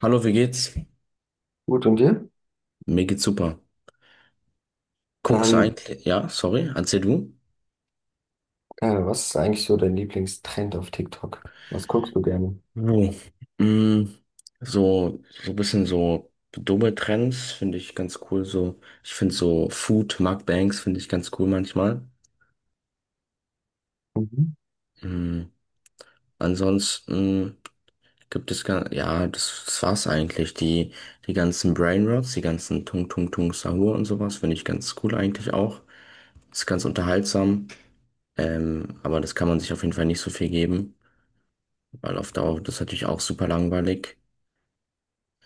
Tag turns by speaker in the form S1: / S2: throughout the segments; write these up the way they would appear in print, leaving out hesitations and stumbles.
S1: Hallo, wie geht's?
S2: Gut, und dir?
S1: Mir geht's super. Guckst du
S2: Ähm,
S1: eigentlich, ja, sorry, erzähl du.
S2: Was ist eigentlich so dein Lieblingstrend auf TikTok? Was guckst du gerne?
S1: Oh. Mm, so ein bisschen so dumme Trends finde ich ganz cool. So, ich finde so Food Mukbangs finde ich ganz cool manchmal.
S2: Mhm.
S1: Mm, Ansonsten gibt es gar, ja, das war's eigentlich. Die ganzen Brainrots, die ganzen Tung Tung Tung Sahur und sowas finde ich ganz cool eigentlich auch. Ist ganz unterhaltsam. Aber das kann man sich auf jeden Fall nicht so viel geben. Weil auf Dauer wird das natürlich auch super langweilig.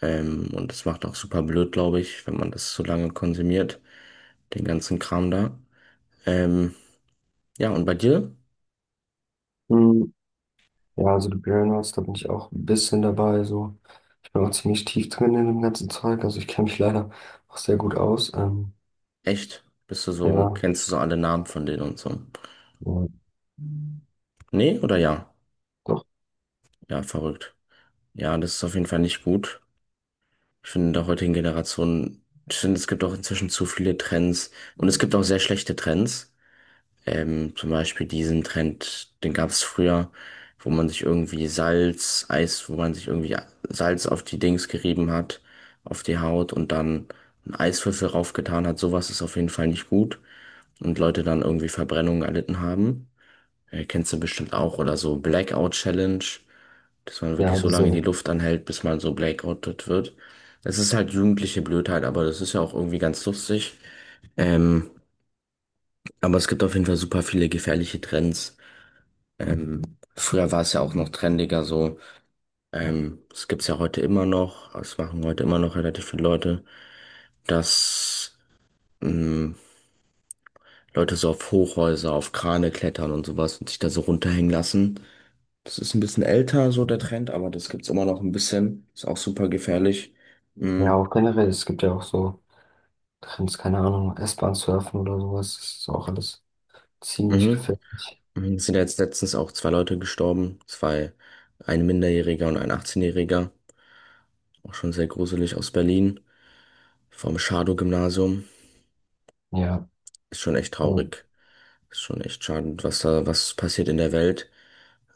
S1: Und das macht auch super blöd, glaube ich, wenn man das so lange konsumiert, den ganzen Kram da. Ähm, ja, und bei dir?
S2: Hm, Ja, also die Burnout, da bin ich auch ein bisschen dabei. So. Ich bin auch ziemlich tief drin in dem ganzen Zeug. Also ich kenne mich leider auch sehr gut aus.
S1: Echt? Bist du so,
S2: Ja,
S1: kennst du so alle Namen von denen und so?
S2: ja,
S1: Nee oder ja?
S2: doch.
S1: Ja, verrückt. Ja, das ist auf jeden Fall nicht gut. Ich finde, in der heutigen Generation, ich finde, es gibt auch inzwischen zu viele Trends. Und es gibt auch sehr schlechte Trends. Zum Beispiel diesen Trend, den gab es früher, wo man sich irgendwie Salz, Eis, wo man sich irgendwie Salz auf die Dings gerieben hat, auf die Haut und dann einen Eiswürfel raufgetan hat. Sowas ist auf jeden Fall nicht gut und Leute dann irgendwie Verbrennungen erlitten haben. Kennst du bestimmt auch oder so Blackout Challenge, dass man wirklich
S2: Ja,
S1: so
S2: diese,
S1: lange die Luft anhält, bis man so blackoutet wird. Das ist halt jugendliche Blödheit, aber das ist ja auch irgendwie ganz lustig. Ähm, aber es gibt auf jeden Fall super viele gefährliche Trends. Ähm, Früher war es ja auch noch trendiger so. Das gibt's ja heute immer noch. Das machen heute immer noch relativ viele Leute, dass ähm, Leute so auf Hochhäuser, auf Krane klettern und sowas und sich da so runterhängen lassen. Das ist ein bisschen älter, so der Trend, aber das gibt's immer noch ein bisschen. Ist auch super gefährlich.
S2: ja,
S1: Mhm.
S2: auch generell, es gibt ja auch so Trends, keine Ahnung, S-Bahn surfen oder sowas. Das ist auch alles ziemlich
S1: Mhm.
S2: gefährlich.
S1: Mhm. Es sind ja jetzt letztens auch zwei Leute gestorben. Zwei, ein Minderjähriger und ein 18-Jähriger. Auch schon sehr gruselig aus Berlin. Vom Schadow-Gymnasium.
S2: Ja.
S1: Ist schon echt
S2: Und
S1: traurig. Ist schon echt schade, was da, was passiert in der Welt.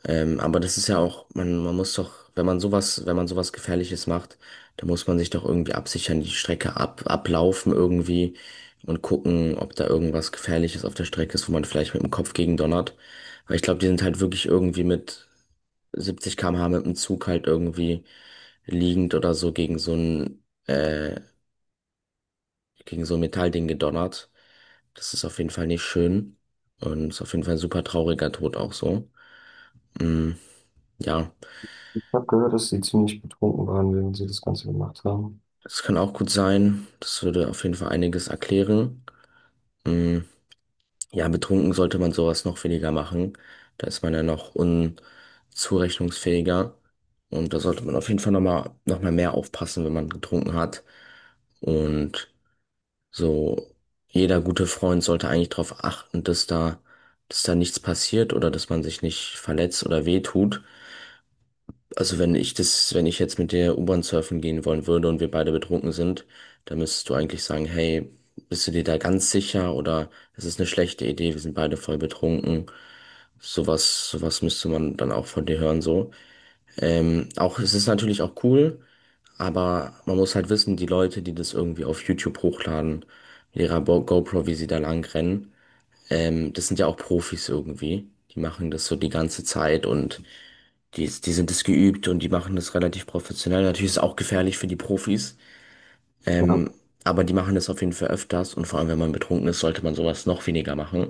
S1: Aber das ist ja auch, man muss doch, wenn man sowas, wenn man sowas Gefährliches macht, dann muss man sich doch irgendwie absichern, die Strecke ab, ablaufen irgendwie und gucken, ob da irgendwas Gefährliches auf der Strecke ist, wo man vielleicht mit dem Kopf gegen donnert. Weil ich glaube, die sind halt wirklich irgendwie mit 70 km/h mit dem Zug halt irgendwie liegend oder so äh, gegen so ein Metallding gedonnert. Das ist auf jeden Fall nicht schön und ist auf jeden Fall ein super trauriger Tod auch so. Mm, ja,
S2: ich habe gehört, dass sie ziemlich betrunken waren, während sie das Ganze gemacht haben.
S1: das kann auch gut sein. Das würde auf jeden Fall einiges erklären. Mm, ja, betrunken sollte man sowas noch weniger machen. Da ist man ja noch unzurechnungsfähiger. Und da sollte man auf jeden Fall nochmal noch mal mehr aufpassen, wenn man getrunken hat. Und so jeder gute Freund sollte eigentlich darauf achten, dass da nichts passiert oder dass man sich nicht verletzt oder wehtut. Also wenn ich das, wenn ich jetzt mit dir U-Bahn surfen gehen wollen würde und wir beide betrunken sind, dann müsstest du eigentlich sagen, hey, bist du dir da ganz sicher oder es ist eine schlechte Idee, wir sind beide voll betrunken. Sowas, sowas müsste man dann auch von dir hören, so. Auch, es ist natürlich auch cool, aber man muss halt wissen, die Leute, die das irgendwie auf YouTube hochladen, mit ihrer GoPro, wie sie da lang rennen, das sind ja auch Profis irgendwie. Die machen das so die ganze Zeit und die sind es geübt und die machen das relativ professionell. Natürlich ist es auch gefährlich für die Profis,
S2: Ja,
S1: ähm, aber die machen das auf jeden Fall öfters und vor allem, wenn man betrunken ist, sollte man sowas noch weniger machen.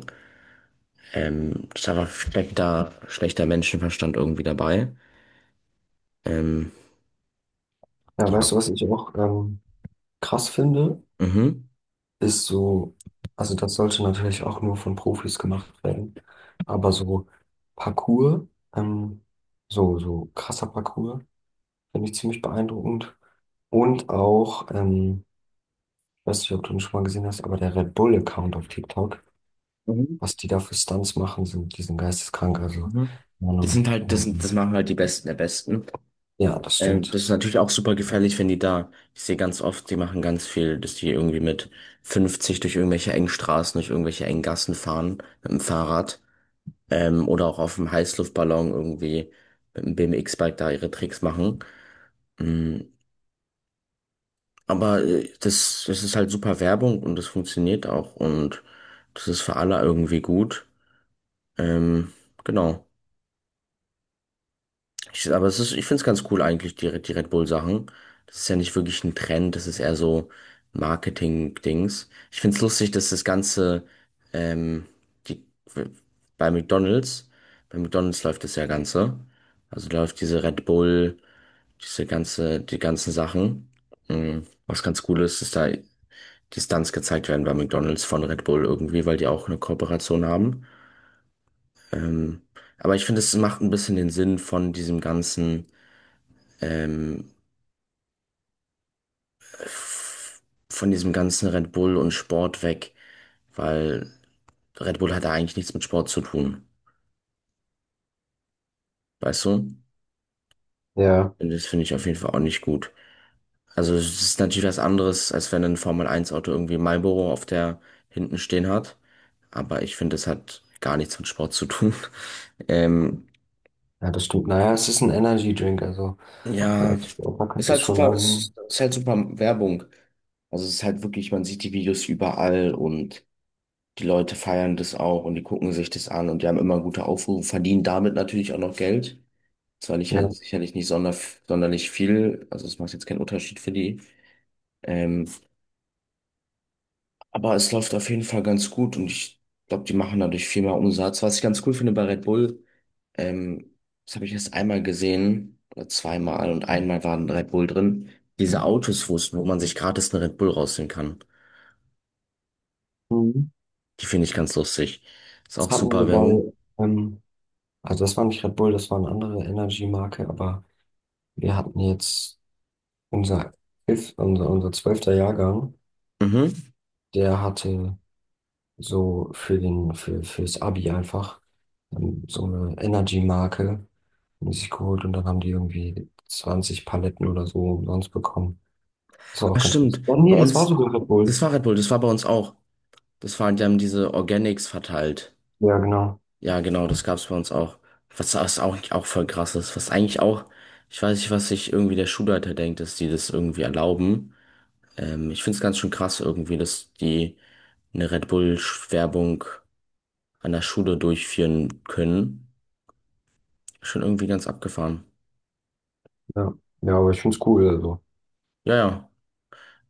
S1: Das ist einfach schlechter, schlechter Menschenverstand irgendwie dabei. Ähm,
S2: ja,
S1: ja.
S2: weißt du, was ich auch krass finde,
S1: Mhm.
S2: ist so, also das sollte natürlich auch nur von Profis gemacht werden, aber so Parkour, ähm, so krasser Parkour, finde ich ziemlich beeindruckend. Und auch, weiß nicht, ob du ihn schon mal gesehen hast, aber der Red Bull-Account auf TikTok,
S1: Mhm.
S2: was die da für Stunts machen, sind, die sind geisteskrank, also,
S1: Mhm.
S2: keine
S1: Das sind
S2: Ahnung.
S1: halt, das sind, das machen halt die Besten der Besten.
S2: Ja, das
S1: Das
S2: stimmt.
S1: ist natürlich auch super gefährlich, wenn die da, ich sehe ganz oft, die machen ganz viel, dass die irgendwie mit 50 durch irgendwelche engen Straßen, durch irgendwelche engen Gassen fahren, mit dem Fahrrad. Oder auch auf dem Heißluftballon irgendwie mit einem BMX-Bike da ihre Tricks machen. Mm, Aber das ist halt super Werbung und das funktioniert auch und das ist für alle irgendwie gut. Ähm, genau. Ich, aber es ist, ich finde es ganz cool eigentlich, die Red Bull-Sachen. Das ist ja nicht wirklich ein Trend, das ist eher so Marketing-Dings. Ich finde es lustig, dass das Ganze ähm, die, bei McDonald's, bei McDonald's läuft das ja Ganze. Also läuft diese Red Bull. Diese ganze, die ganzen Sachen. Mhm. Was ganz cool ist, ist da die Stunts gezeigt werden bei McDonald's von Red Bull irgendwie, weil die auch eine Kooperation haben. Ähm, aber ich finde, es macht ein bisschen den Sinn von diesem ganzen, ähm, f- von diesem ganzen Red Bull und Sport weg, weil Red Bull hat da eigentlich nichts mit Sport zu tun. Weißt du?
S2: Ja,
S1: Und das finde ich auf jeden Fall auch nicht gut. Also es ist natürlich was anderes, als wenn ein formel Eins auto irgendwie Marlboro auf der hinten stehen hat. Aber ich finde, es hat gar nichts mit Sport zu tun. Ähm,
S2: ja, das stimmt. Naja, es ist ein Energy Drink, also, so
S1: ja,
S2: als Sportler
S1: ist
S2: kannst du es
S1: halt
S2: schon
S1: super, ist halt super Werbung. Also es ist halt wirklich, man sieht die Videos überall und die Leute feiern das auch und die gucken sich das an und die haben immer gute Aufrufe, verdienen damit natürlich auch noch Geld. Zwar nicht,
S2: annehmen.
S1: sicherlich nicht sonderlich viel, also es macht jetzt keinen Unterschied für die. Ähm, Aber es läuft auf jeden Fall ganz gut und ich glaube, die machen dadurch viel mehr Umsatz. Was ich ganz cool finde bei Red Bull, ähm, das habe ich erst einmal gesehen oder zweimal und einmal waren Red Bull drin. Diese Autos, wo wo man sich gratis einen Red Bull rausnehmen kann,
S2: Mhm.
S1: die finde ich ganz lustig. Ist
S2: Das
S1: auch
S2: hatten
S1: super
S2: wir
S1: Werbung.
S2: bei, ähm, also das war nicht Red Bull, das war eine andere Energy-Marke, aber wir hatten jetzt unser, unser zwölfter Jahrgang,
S1: Mhm.
S2: der hatte so fürs Abi einfach, so eine Energy-Marke haben die sich geholt und dann haben die irgendwie 20 Paletten oder so umsonst bekommen. Das war auch
S1: Ah,
S2: ganz
S1: stimmt.
S2: lustig. Oh nee,
S1: Bei
S2: das war
S1: uns,
S2: sogar Red
S1: das
S2: Bull.
S1: war Red Bull, das war bei uns auch. Das waren, die haben diese Organics verteilt.
S2: Ja, genau.
S1: Ja, genau, das gab's bei uns auch. Was, was auch, auch voll krass ist. Was eigentlich auch, ich weiß nicht, was sich irgendwie der Schulleiter denkt, dass die das irgendwie erlauben. Ich find's ganz schön krass irgendwie, dass die eine Red Bull-Werbung an der Schule durchführen können. Schon irgendwie ganz abgefahren.
S2: Ja, ja, aber ich find's cool, also.
S1: Ja, ja.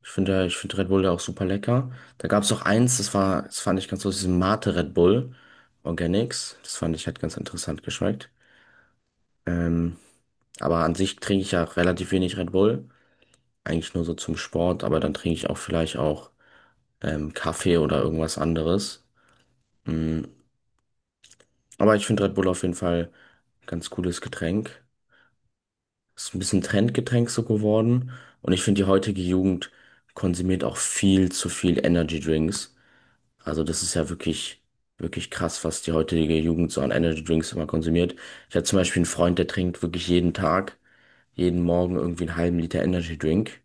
S1: Ich finde Red Bull ja auch super lecker. Da gab's auch eins, das war, das fand ich ganz lustig, diesen Mate Red Bull Organics. Das fand ich, hat ganz interessant geschmeckt. Ähm, aber an sich trinke ich ja relativ wenig Red Bull. Eigentlich nur so zum Sport, aber dann trinke ich auch vielleicht auch Kaffee oder irgendwas anderes. Mm, Aber ich finde Red Bull auf jeden Fall ein ganz cooles Getränk. Ist ein bisschen Trendgetränk so geworden. Und ich finde, die heutige Jugend konsumiert auch viel zu viel Energy Drinks. Also das ist ja wirklich, wirklich krass, was die heutige Jugend so an Energy Drinks immer konsumiert. Ich habe zum Beispiel einen Freund, der trinkt wirklich jeden Tag, jeden Morgen irgendwie einen halben Liter Energy Drink,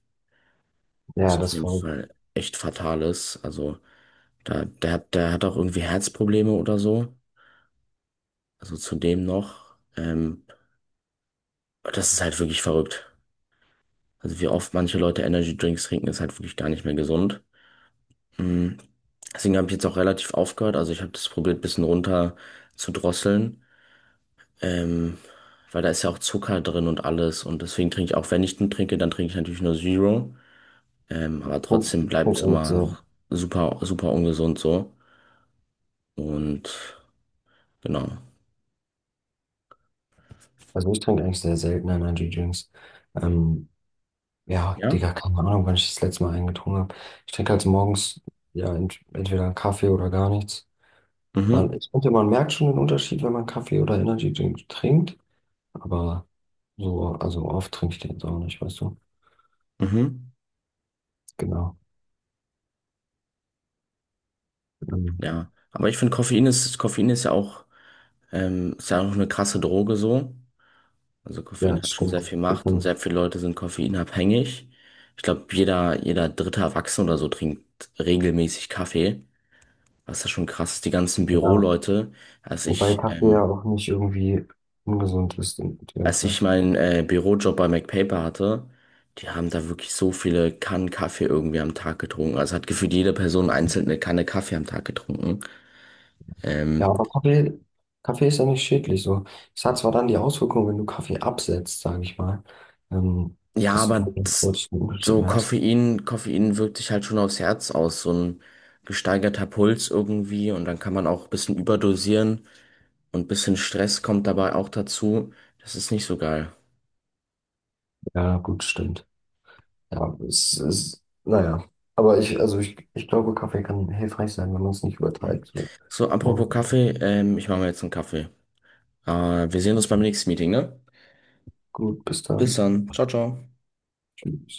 S2: Ja,
S1: was auf
S2: das
S1: jeden
S2: war,
S1: Fall echt fatal ist. Also da, der, der hat auch irgendwie Herzprobleme oder so. Also zudem noch. Das ist halt wirklich verrückt. Also wie oft manche Leute Energy Drinks trinken, ist halt wirklich gar nicht mehr gesund. Mm. Deswegen habe ich jetzt auch relativ aufgehört. Also ich habe das probiert, ein bisschen runter zu drosseln. Ähm, Weil da ist ja auch Zucker drin und alles. Und deswegen trinke ich auch, wenn ich einen trinke, dann trinke ich natürlich nur Zero.
S2: ich
S1: Aber trotzdem bleibt
S2: find
S1: es
S2: eigentlich
S1: immer
S2: so.
S1: noch super, super ungesund so. Und genau.
S2: Also ich trinke eigentlich sehr selten Energy-Drinks. Ähm, ja,
S1: Ja.
S2: Digga, keine Ahnung, wann ich das letzte Mal einen getrunken habe. Ich trinke halt so morgens ja entweder einen Kaffee oder gar nichts. Man,
S1: Mhm.
S2: ich finde, man merkt schon den Unterschied, wenn man Kaffee oder Energy-Drink trinkt, aber so, also oft trinke ich den jetzt auch nicht, weißt du?
S1: Mhm.
S2: Genau. Ähm,
S1: Ja, aber ich finde, Koffein ist ja auch eine krasse Droge so. Also
S2: ja,
S1: Koffein
S2: das
S1: hat schon
S2: stimmt.
S1: sehr viel Macht und sehr viele Leute sind koffeinabhängig. Ich glaube, jeder dritte Erwachsene oder so trinkt regelmäßig Kaffee. Was ja schon krass ist, die ganzen
S2: Ja,
S1: Büroleute. Als
S2: wobei
S1: ich,
S2: Kaffee ja
S1: ähm,
S2: auch nicht irgendwie ungesund ist, direkt,
S1: als ich
S2: weißt du?
S1: meinen Bürojob bei MacPaper hatte, die haben da wirklich so viele Kannen Kaffee irgendwie am Tag getrunken. Also hat gefühlt jede Person einzeln eine Kanne Kaffee am Tag getrunken.
S2: Ja,
S1: Ähm,
S2: aber Kaffee ist ja nicht schädlich. So. Es hat zwar dann die Auswirkung, wenn du Kaffee absetzt, sage ich mal, ähm,
S1: Ja,
S2: dass du
S1: aber
S2: dann
S1: das,
S2: plötzlich einen Unterschied
S1: so
S2: merkst.
S1: Koffein, Koffein wirkt sich halt schon aufs Herz aus, so ein gesteigerter Puls irgendwie und dann kann man auch ein bisschen überdosieren und ein bisschen Stress kommt dabei auch dazu. Das ist nicht so geil.
S2: Ja, gut, stimmt. Ja, es ist, naja. Aber ich glaube, Kaffee kann hilfreich sein, wenn man es nicht
S1: Mhm.
S2: übertreibt. So.
S1: So, apropos
S2: Morgen.
S1: Kaffee, ich mache mir jetzt einen Kaffee. Wir sehen uns beim nächsten Meeting, ne?
S2: Gut, bis
S1: Bis
S2: dann.
S1: dann. Ciao, ciao.
S2: Tschüss.